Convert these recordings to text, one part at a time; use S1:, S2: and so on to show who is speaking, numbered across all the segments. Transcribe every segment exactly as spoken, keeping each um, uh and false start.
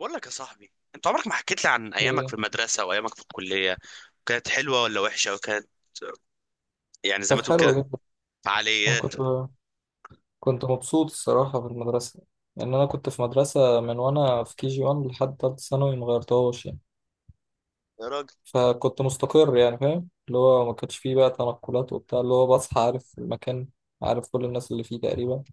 S1: بقول لك يا صاحبي، انت عمرك ما حكيت لي عن ايامك في
S2: إيه.
S1: المدرسه وايامك في الكليه. كانت حلوه ولا وحشه؟ وكانت يعني زي
S2: كانت
S1: ما تقول
S2: حلوة
S1: كده،
S2: جدا. أنا
S1: فعاليات؟
S2: كنت كنت مبسوط الصراحة في المدرسة، لأن أنا كنت في مدرسة من وأنا في كي جي واحد لحد تالتة ثانوي مغيرتهاش يعني.
S1: يا راجل.
S2: فكنت مستقر يعني، فاهم اللي هو ما كانش فيه بقى تنقلات وبتاع، اللي هو بصحى عارف المكان، عارف كل الناس اللي فيه تقريبا،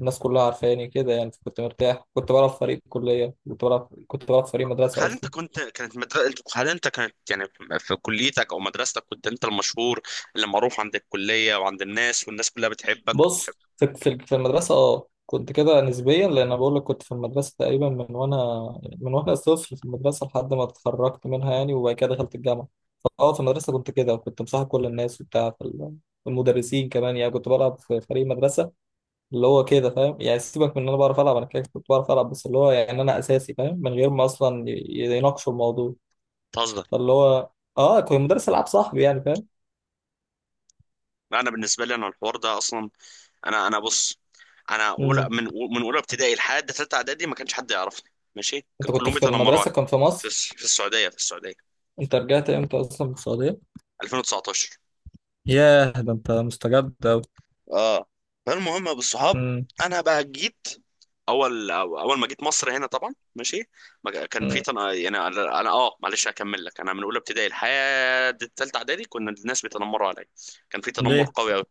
S2: الناس كلها عارفاني كده يعني. فكنت مرتاح، كنت بلعب في فريق كلية، كنت بلعب كنت بلعب في فريق مدرسة
S1: هل انت
S2: قصدي.
S1: كنت كانت مدر... انت- هل انت كانت يعني في كليتك او مدرستك كنت انت المشهور اللي معروف عند الكليه وعند الناس، والناس كلها بتحبك بتحب
S2: بص، في في في المدرسة اه كنت كده نسبيا، لأن أنا بقول لك كنت في المدرسة تقريبا من وأنا من وأنا طفل في المدرسة لحد ما اتخرجت منها يعني، وبعد كده دخلت الجامعة. فأه في المدرسة كنت كده، وكنت مصاحب كل الناس وبتاع في ال- المدرسين كمان، يعني كنت بلعب في فريق مدرسة اللي هو كده، فاهم يعني. سيبك من إن أنا بعرف ألعب، أنا كده كنت بعرف ألعب، بس اللي هو يعني أنا أساسي، فاهم، من غير ما أصلا ي- يناقشوا الموضوع.
S1: تهزر؟
S2: فاللي هو أه كنت مدرس ألعاب صاحبي، يعني فاهم.
S1: انا بالنسبه لي انا الحوار ده اصلا. انا انا بص، انا اولى
S2: أمم.
S1: من من اولى ابتدائي لحد ثالثه اعدادي ما كانش حد يعرفني، ماشي.
S2: أنت
S1: كان
S2: كنت
S1: كلهم
S2: في
S1: بيتنمروا علي.
S2: المدرسة كان في
S1: في
S2: مصر؟
S1: الس- في السعوديه في السعوديه.
S2: أنت رجعت إمتى أصلا من السعودية؟
S1: ألفين وتسعتاشر.
S2: ياه، ده انت مستجد أوي.
S1: اه فالمهم يا ابو الصحاب،
S2: مم.
S1: انا بقى جيت، اول اول ما جيت مصر هنا طبعا ماشي. ما كان في
S2: مم.
S1: تن... يعني انا أنا- اه معلش هكمل لك. انا من اولى ابتدائي لحد الثالثه اعدادي كنا الناس بيتنمروا عليا. كان في تنمر
S2: ليه؟
S1: قوي قوي.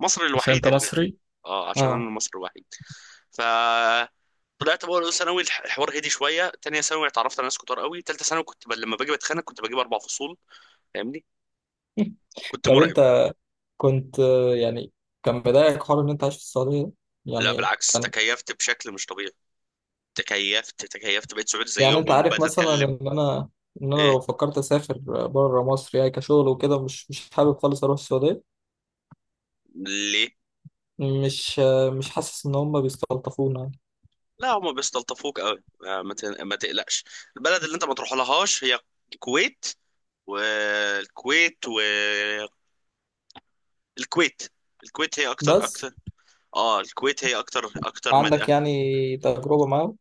S1: مصر
S2: عشان
S1: الوحيد
S2: انت
S1: اللي
S2: مصري؟
S1: اه عشان انا
S2: اه.
S1: المصري الوحيد. ف طلعت بقى اولى ثانوي، الح- الحوار هدي شويه. ثانيه ثانوي اتعرفت على ناس كتار قوي. ثالثه ثانوي كنت ب... لما باجي بتخانق كنت بجيب اربع فصول. فاهمني. كنت
S2: طب
S1: مرعب.
S2: انت كنت، آه، يعني، كان بداية حوار ان انت عايش في السعودية ده؟
S1: لا
S2: يعني
S1: بالعكس،
S2: كان،
S1: تكيفت بشكل مش طبيعي. تكيفت تكيفت، بقيت سعودي
S2: يعني
S1: زيهم،
S2: انت عارف
S1: وبقيت
S2: مثلا
S1: اتكلم.
S2: ان انا ان انا لو
S1: ايه؟
S2: فكرت اسافر بره مصر يعني كشغل وكده، مش مش حابب خالص اروح السعودية.
S1: ليه؟
S2: مش آه، مش حاسس ان هم بيستلطفونا يعني.
S1: لا هما بيستلطفوك قوي، آه، ما ت- ما تقلقش. البلد اللي انت ما تروح لهاش هي الكويت. والكويت والكويت. الكويت هي اكتر
S2: بس
S1: اكتر. اه. الكويت هي اكتر اكتر
S2: عندك
S1: مدينة.
S2: يعني تجربة معاهم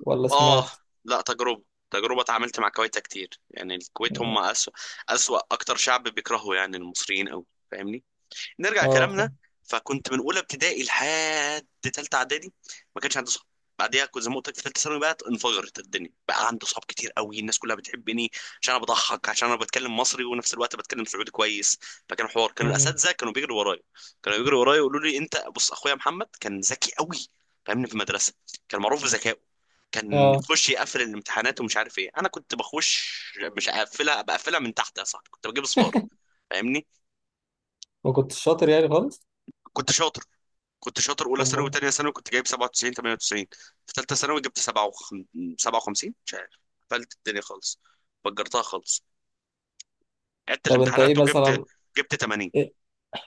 S2: ولا
S1: اه.
S2: سمعت؟
S1: لا، تجربة تجربة اتعاملت مع كويتا كتير يعني. الكويت هم
S2: مم.
S1: أسوأ أسوأ أكتر شعب بيكرهوا يعني المصريين أوي. فاهمني. نرجع
S2: اه،
S1: كلامنا.
S2: فاهم.
S1: فكنت من اولى ابتدائي لحد ثالثه اعدادي ما كانش عندي صحاب. بعديها كنت زي ما قلت لك في ثالثه ثانوي بقى انفجرت الدنيا. بقى عندي صحاب كتير قوي. الناس كلها بتحبني عشان انا بضحك، عشان انا بتكلم مصري ونفس الوقت بتكلم سعودي كويس. فكان حوار. كانوا
S2: مم.
S1: الاساتذه كانوا بيجروا ورايا كانوا بيجروا ورايا يقولوا لي انت بص، اخويا محمد كان ذكي قوي. فاهمني. في المدرسه كان معروف بذكائه. كان
S2: اه،
S1: يخش يقفل الامتحانات ومش عارف ايه. انا كنت بخش مش اقفلها، بقفلها من تحت يا صاحبي. كنت بجيب اصفار. فاهمني.
S2: وكنت شاطر يعني خالص؟
S1: كنت شاطر كنت شاطر اولى ثانوي
S2: أمال.
S1: وثانيه ثانوي كنت جايب سبعة وتسعين تمانية وتسعين. في ثالثه ثانوي جبت سبعة وخمسين. سبعة وخمسين مش عارف، قفلت الدنيا خالص، فجرتها خالص. عدت
S2: طب انت ايه
S1: الامتحانات وجبت
S2: مثلا،
S1: جبت تمانين.
S2: ايه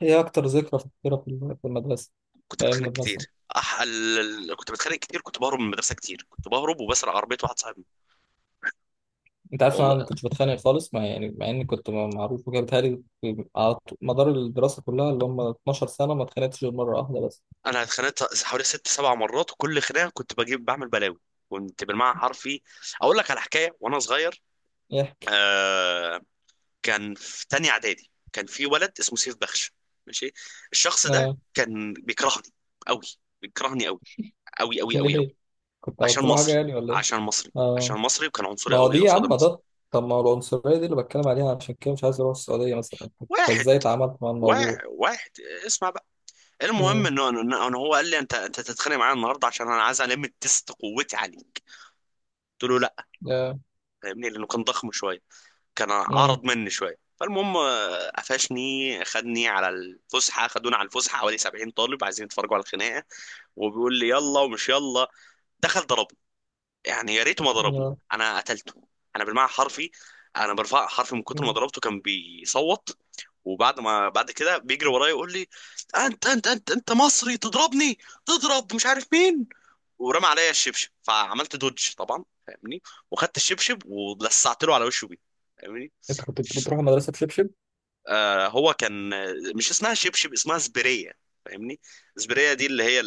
S2: إيه اكتر ذكرى فاكرها في الم- في المدرسه،
S1: كنت
S2: في ايام
S1: بتخانق
S2: المدرسه.
S1: كتير أح... ال... ال- كنت بتخانق كتير. كنت بهرب من المدرسه كتير. كنت بهرب وبسرق عربيه واحد صاحبي.
S2: انت عارف إن انا ما
S1: والله
S2: كنتش بتخانق خالص، مع يعني، مع اني كنت م- معروف وكده، بيتهيألي في- على ط- مدار الدراسه كلها اللي هم اثني عشر سنه، ما اتخانقتش غير مره واحده بس.
S1: انا اتخانقت حوالي ست سبع مرات، وكل خناقه كنت بجيب بعمل بلاوي. كنت بالمعنى حرفي. اقول لك على حكايه وانا صغير.
S2: ايه.
S1: آه، كان في تانية اعدادي كان في ولد اسمه سيف بخش، ماشي. الشخص ده
S2: آه.
S1: كان بيكرهني قوي. بيكرهني قوي قوي قوي قوي قوي.
S2: ليه؟ كنت
S1: عشان
S2: عملت له حاجه
S1: مصري
S2: يعني ولا ايه؟
S1: عشان مصري عشان
S2: آه.
S1: مصري، وكان عنصري
S2: ما هو دي
S1: قوي
S2: يا
S1: قصاد
S2: عم
S1: المصري.
S2: ده. طب ما هو العنصريه دي اللي بتكلم عليها، عشان كده مش عايز اروح السعوديه مثلا، انت
S1: واحد
S2: ازاي اتعاملت مع الموضوع؟
S1: واحد واحد. اسمع بقى. المهم
S2: امم،
S1: انه انه إنه هو قال لي انت انت تتخانق معايا النهارده عشان انا عايز الم تيست قوتي عليه. قلت له لا.
S2: يا،
S1: فاهمني لانه كان ضخم شويه، كان
S2: امم،
S1: اعرض مني شويه. فالمهم آه، قفشني، خدني على الفسحه خدونا على الفسحه حوالي سبعين طالب عايزين يتفرجوا على الخناقه. وبيقول لي يلا ومش يلا. دخل ضربني. يعني يا ريته ما ضربني،
S2: يا،
S1: انا قتلته. انا بالمعنى حرفي. انا برفع حرفي. من كتر ما
S2: مم.
S1: ضربته كان بيصوت. وبعد ما بعد كده بيجري ورايا يقول لي انت انت انت انت مصري تضربني؟ تضرب مش عارف مين. ورمى عليا الشبشب، فعملت دوج طبعا فاهمني. وخدت الشبشب ولسعت له على وشه بيه. فاهمني.
S2: انت كنت
S1: ف-
S2: بتروح المدرسه بشبشب؟
S1: آه هو كان مش اسمها شبشب، اسمها سبريه. فاهمني. سبريه دي اللي هي،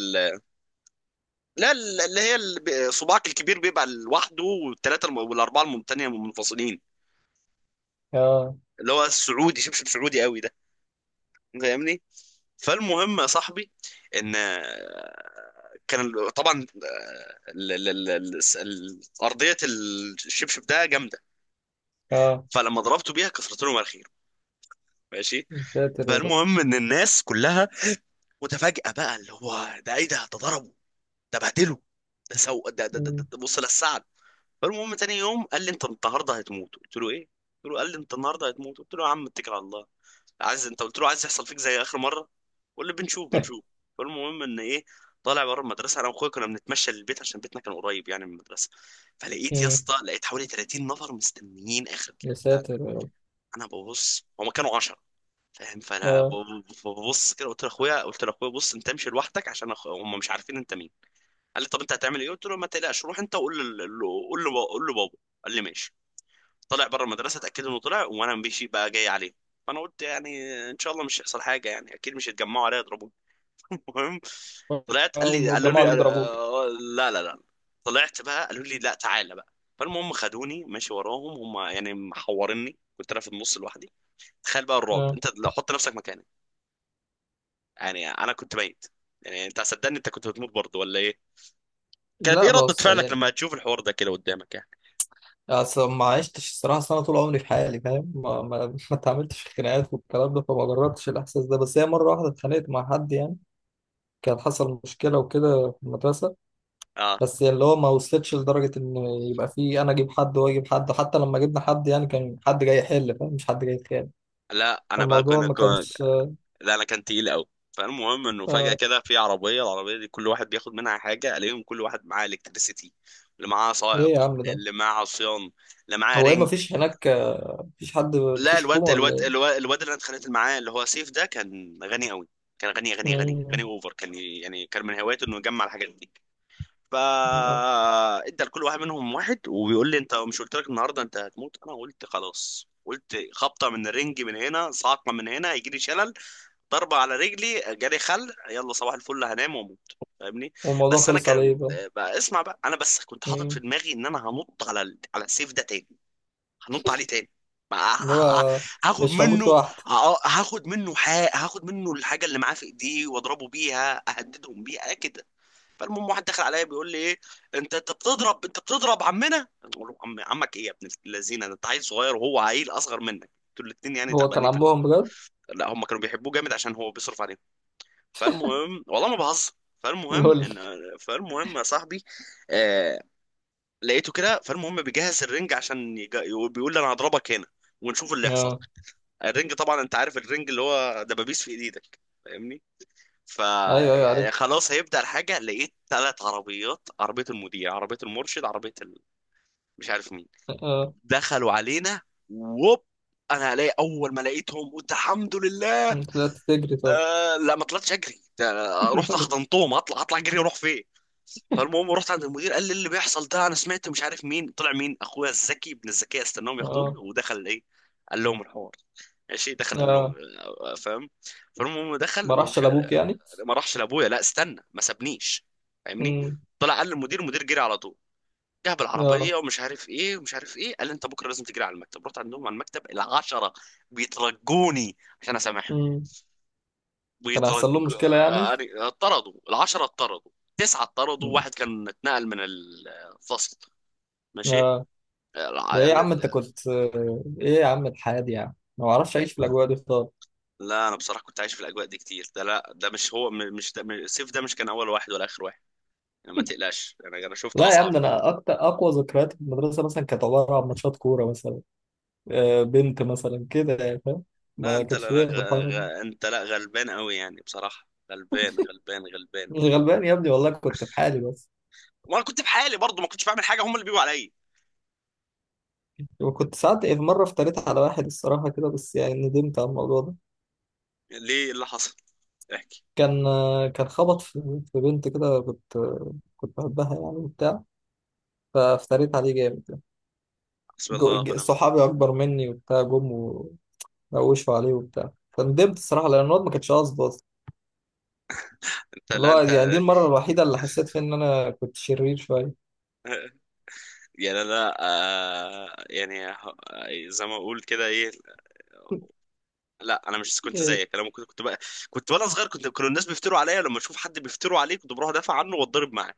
S1: لا ال- اللي هي ال- صباعك الكبير بيبقى لوحده والثلاثه الم- والاربعه التانية منفصلين.
S2: اه،
S1: اللي هو السعودي، شبشب سعودي قوي ده. فاهمني. فالمهم يا صاحبي، ان آه، كان ال- طبعا آه، ال- ال- ال- ال- الس- ال- ارضيه الشبشب ده جامده.
S2: اه.
S1: فلما ضربته بيها كسرت لهم الخير، ماشي.
S2: يا ساتر يا رب.
S1: فالمهم ان الناس كلها متفاجئه بقى، اللي هو ده ايه؟ ده ده ضربه، ده بهدله، ده سو ده ده, ده,
S2: مم.
S1: ده بص للسعد. فالمهم تاني يوم قال لي انت النهارده هتموت. قلت له ايه؟ قلت له، قال لي انت النهارده هتموت. قلت له يا عم اتكل على الله. عايز انت، قلت له عايز يحصل فيك زي اخر مره؟ قول لي بنشوف بنشوف. فالمهم، ان ايه. طالع بره المدرسه انا واخويا كنا بنتمشى للبيت عشان بيتنا كان قريب يعني من المدرسه. فلقيت يا
S2: مم.
S1: اسطى لقيت حوالي ثلاثين نفر مستنيين اخر
S2: يا
S1: بتاع ده.
S2: ساتر يا رب.
S1: انا ببص، هما كانوا عشرة. فاهم. فانا ب-
S2: اه.
S1: ببص كده، قلت لاخويا، قلت لاخويا بص انت امشي لوحدك عشان أخ- هما مش عارفين انت مين. قال لي طب انت هتعمل ايه؟ قلت له ما تقلقش، روح انت وقول له قول له قول له بابا. قال لي ماشي. طلع بره المدرسه، اتاكدوا انه طلع وانا ماشي بقى جاي عليه. فانا قلت يعني ان شاء الله مش هيحصل حاجه، يعني اكيد مش هيتجمعوا عليا يضربوني. المهم طلعت. قال لي قالوا
S2: والجماعة
S1: لي
S2: اللي ضربوك.
S1: آه، لا لا لا. طلعت بقى، قالوا لي لا تعالى بقى. فالمهم خدوني ماشي وراهم. هم يعني محورني، كنت انا في النص لوحدي. تخيل بقى الرعب،
S2: اه.
S1: انت لو حط نفسك مكاني. يعني انا كنت ميت. يعني انت صدقني، انت كنت هتموت برضه ولا ايه؟ كانت
S2: لا،
S1: ايه ردة
S2: بص
S1: فعلك
S2: يعني،
S1: لما تشوف الحوار ده كده قدامك يعني؟
S2: اصل ما عشتش الصراحة سنة، طول عمري في حالي، فاهم، ما ما ما اتعاملتش في خناقات والكلام ده، فما جربتش الإحساس ده. بس هي مرة واحدة اتخانقت مع حد يعني، كان حصل مشكلة وكده في المدرسة.
S1: اه.
S2: بس يعني اللي هو ما وصلتش لدرجة إن يبقى في أنا أجيب حد وهو يجيب حد، حتى لما جبنا حد يعني كان حد جاي يحل، فاهم، مش حد جاي يتخانق.
S1: لا انا بقى
S2: فالموضوع
S1: كنت،
S2: ما كانش.
S1: لا انا كان تقيل قوي. فالمهم انه فجأة
S2: آه.
S1: كده، في عربية، العربية دي كل واحد بياخد منها حاجة. الاقيهم كل واحد معاه الكتريسيتي، اللي معاه
S2: إيه
S1: سائق،
S2: يا عم ده،
S1: اللي معاه عصيان، اللي معاه
S2: هو إيه، ما
S1: رينج.
S2: فيش هناك، آه، مفيش حد،
S1: لا
S2: مفيش حكومة
S1: الواد
S2: ولا
S1: الواد
S2: إيه؟
S1: الواد, الواد اللي انا اتخانقت معاه اللي هو سيف ده كان غني قوي. كان غني غني غني غني
S2: مم.
S1: اوفر. كان ي- يعني كان من هوايته انه يجمع الحاجات دي. فا
S2: آه.
S1: ادى لكل واحد منهم واحد. وبيقول لي انت مش قلت لك النهارده انت هتموت؟ انا قلت خلاص. قلت خبطه من الرنج من هنا، صعقه من هنا، هيجي لي شلل. ضربة على رجلي جالي خل، يلا صباح الفل هنام واموت. فاهمني.
S2: والموضوع
S1: بس انا
S2: خلص على ايه
S1: كان،
S2: بقى؟
S1: بقى اسمع بقى، انا بس كنت حاطط في
S2: مم.
S1: دماغي ان انا هنط على ال... على السيف ده تاني. هنط عليه تاني. ما-
S2: اللي
S1: ه- ه-
S2: هو
S1: هاخد
S2: مش هموت
S1: منه.
S2: لوحدي.
S1: ه- آه، هاخد منه حق. هاخد منه الحاجه اللي معاه في ايديه واضربه بيها، اهددهم بيها كده. فالمهم واحد دخل عليا بيقول لي ايه، انت انت بتضرب انت بتضرب عمنا. بقول له عم عمك ايه يا ابن اللذينه؟ ده انت عيل صغير وهو عيل اصغر منك، دول الاتنين يعني
S2: هو كان
S1: تعبانين في ال-
S2: عمهم بجد؟
S1: لا هم كانوا بيحبوه جامد عشان هو بيصرف عليهم. فالمهم والله ما بهزر. فالمهم
S2: لول.
S1: ان فالمهم يا صاحبي، آه... لقيته كده. فالمهم بيجهز الرنج عشان يج... بيقول لي انا هضربك هنا ونشوف اللي يحصل.
S2: اه.
S1: الرنج طبعا انت عارف الرنج اللي هو دبابيس في ايدك. فاهمني.
S2: ايوه، ايوه، عارف.
S1: فخلاص هيبدأ الحاجة، لقيت ثلاث عربيات، عربية المذيع، عربية المرشد، عربية ال... مش عارف مين،
S2: اه.
S1: دخلوا علينا. ووب، انا الاقي، اول ما لقيتهم قلت الحمد لله.
S2: طلعت تجري طب؟
S1: آه لا ما طلعتش اجري، ده أنا رحت حضنتهم. هطلع هطلع اجري اروح فين؟ فالمهم رحت عند المدير، قال لي اللي بيحصل ده انا سمعت، مش عارف مين طلع. مين؟ اخويا الذكي ابن الذكاء. استناهم ياخدوني
S2: اه،
S1: ودخل ايه، قال لهم الحوار، ماشي. دخل قال لهم
S2: اه.
S1: آه، آه، فاهم. فالمهم دخل
S2: ما راحش
S1: ومش عارف-
S2: لابوك يعني؟
S1: آه، ما راحش لابويا، لا استنى ما سابنيش. فاهمني.
S2: مم.
S1: طلع قال للمدير، المدير جري على طول. جه
S2: اه.
S1: بالعربيه ومش عارف ايه ومش عارف ايه، قال لي انت بكره لازم تجري على المكتب. رحت عندهم على المكتب العشرة بيترجوني عشان اسامحهم.
S2: مم. كان هيحصل
S1: ويترج
S2: لهم مشكله يعني؟
S1: يعني اتطردوا العشرة. اتطردوا تسعة، اتطردوا
S2: مم.
S1: واحد كان اتنقل من الفصل، ماشي.
S2: اه. ده ايه
S1: الع-
S2: يا عم،
S1: ال-
S2: انت كنت، آه، ايه يا عم الحياه دي يعني، ما بعرفش اعيش في الاجواء دي خالص.
S1: لا انا بصراحة كنت عايش في الاجواء دي كتير. ده لا ده مش هو، م- مش ده، مش- سيف ده مش كان اول واحد ولا اخر واحد يعني. ما تقلقش، انا انا شفت
S2: لا يا عم
S1: اصعب.
S2: ده، انا اكتر اقوى ذكريات في المدرسه مثلا كانت عباره عن ماتشات كوره مثلا، آه، بنت مثلا كده يعني فاهم،
S1: لا
S2: ما
S1: انت، لا
S2: كانش
S1: لا
S2: ليا في
S1: غ...
S2: الحوار دي.
S1: غ... انت لا غلبان قوي يعني، بصراحة غلبان غلبان غلبان.
S2: مش غلبان يا ابني، والله كنت في حالي بس.
S1: وانا كنت في حالي برضه، ما كنتش بعمل حاجة، هم اللي بيجوا عليا.
S2: وكنت ساعات، في مرة افتريت على واحد الصراحة كده، بس يعني ندمت على الموضوع ده.
S1: ليه؟ إيه اللي حصل؟ احكي.
S2: كان، آه، كان خبط في في بنت كده، كنت كنت بحبها يعني وبتاع، فافتريت عليه جامد يعني.
S1: حسبي
S2: جو-
S1: الله
S2: ج-
S1: ونعم الوكيل.
S2: صحابي أكبر مني وبتاع جم، ونوشوا عليه وبتاع،
S1: آه.
S2: فندمت الصراحة لأن الواد ما كانش قصده أصلا.
S1: انت،
S2: اللي
S1: لا
S2: هو
S1: انت،
S2: يعني دي المرة الوحيدة اللي حسيت فيها إن أنا كنت شرير شوية.
S1: يعني انا آه يعني ه- زي ما اقول كده، ايه. لا انا مش كنت
S2: إيه.
S1: زيك، انا ممكن كنت بقى كنت وانا صغير، كنت كانوا الناس بيفتروا عليا. لما اشوف حد بيفتروا عليه كنت بروح ادافع عنه واتضرب معاه.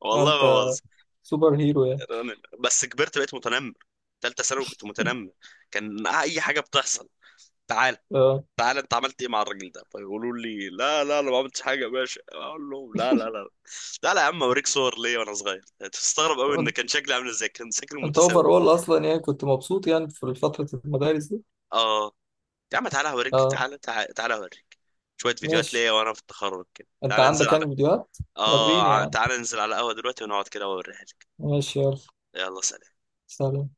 S1: والله
S2: أنت
S1: ما بهزر.
S2: سوبر هيرو يعني.
S1: أنا- بس كبرت بقيت متنمر. تالتة ثانوي كنت متنمر. كان اي حاجه بتحصل، تعال
S2: اه.
S1: تعال انت عملت ايه مع الراجل ده؟ فيقولوا لي لا لا انا ما عملتش حاجه يا باشا. اقول لهم لا لا لا. لا لا يا عم اوريك صور ليا وانا صغير هتستغرب قوي ان كان شكلي عامل ازاي. كان شكلي
S2: انت اوفر
S1: متساوي.
S2: اول اصلا يعني، كنت مبسوط يعني في فترة المدارس دي.
S1: اه يا عم تعالى هوريك،
S2: اه،
S1: تعالى تعالى تعالى هوريك شوية فيديوهات
S2: ماشي.
S1: ليا وانا في التخرج كده.
S2: انت
S1: تعالى ننزل
S2: عندك
S1: على
S2: يعني فيديوهات؟
S1: اه
S2: وريني
S1: ع-
S2: يعني.
S1: تعالى ننزل على قهوة دلوقتي ونقعد كده واوريها لك.
S2: ماشي، يلا.
S1: يلا سلام.
S2: سلام.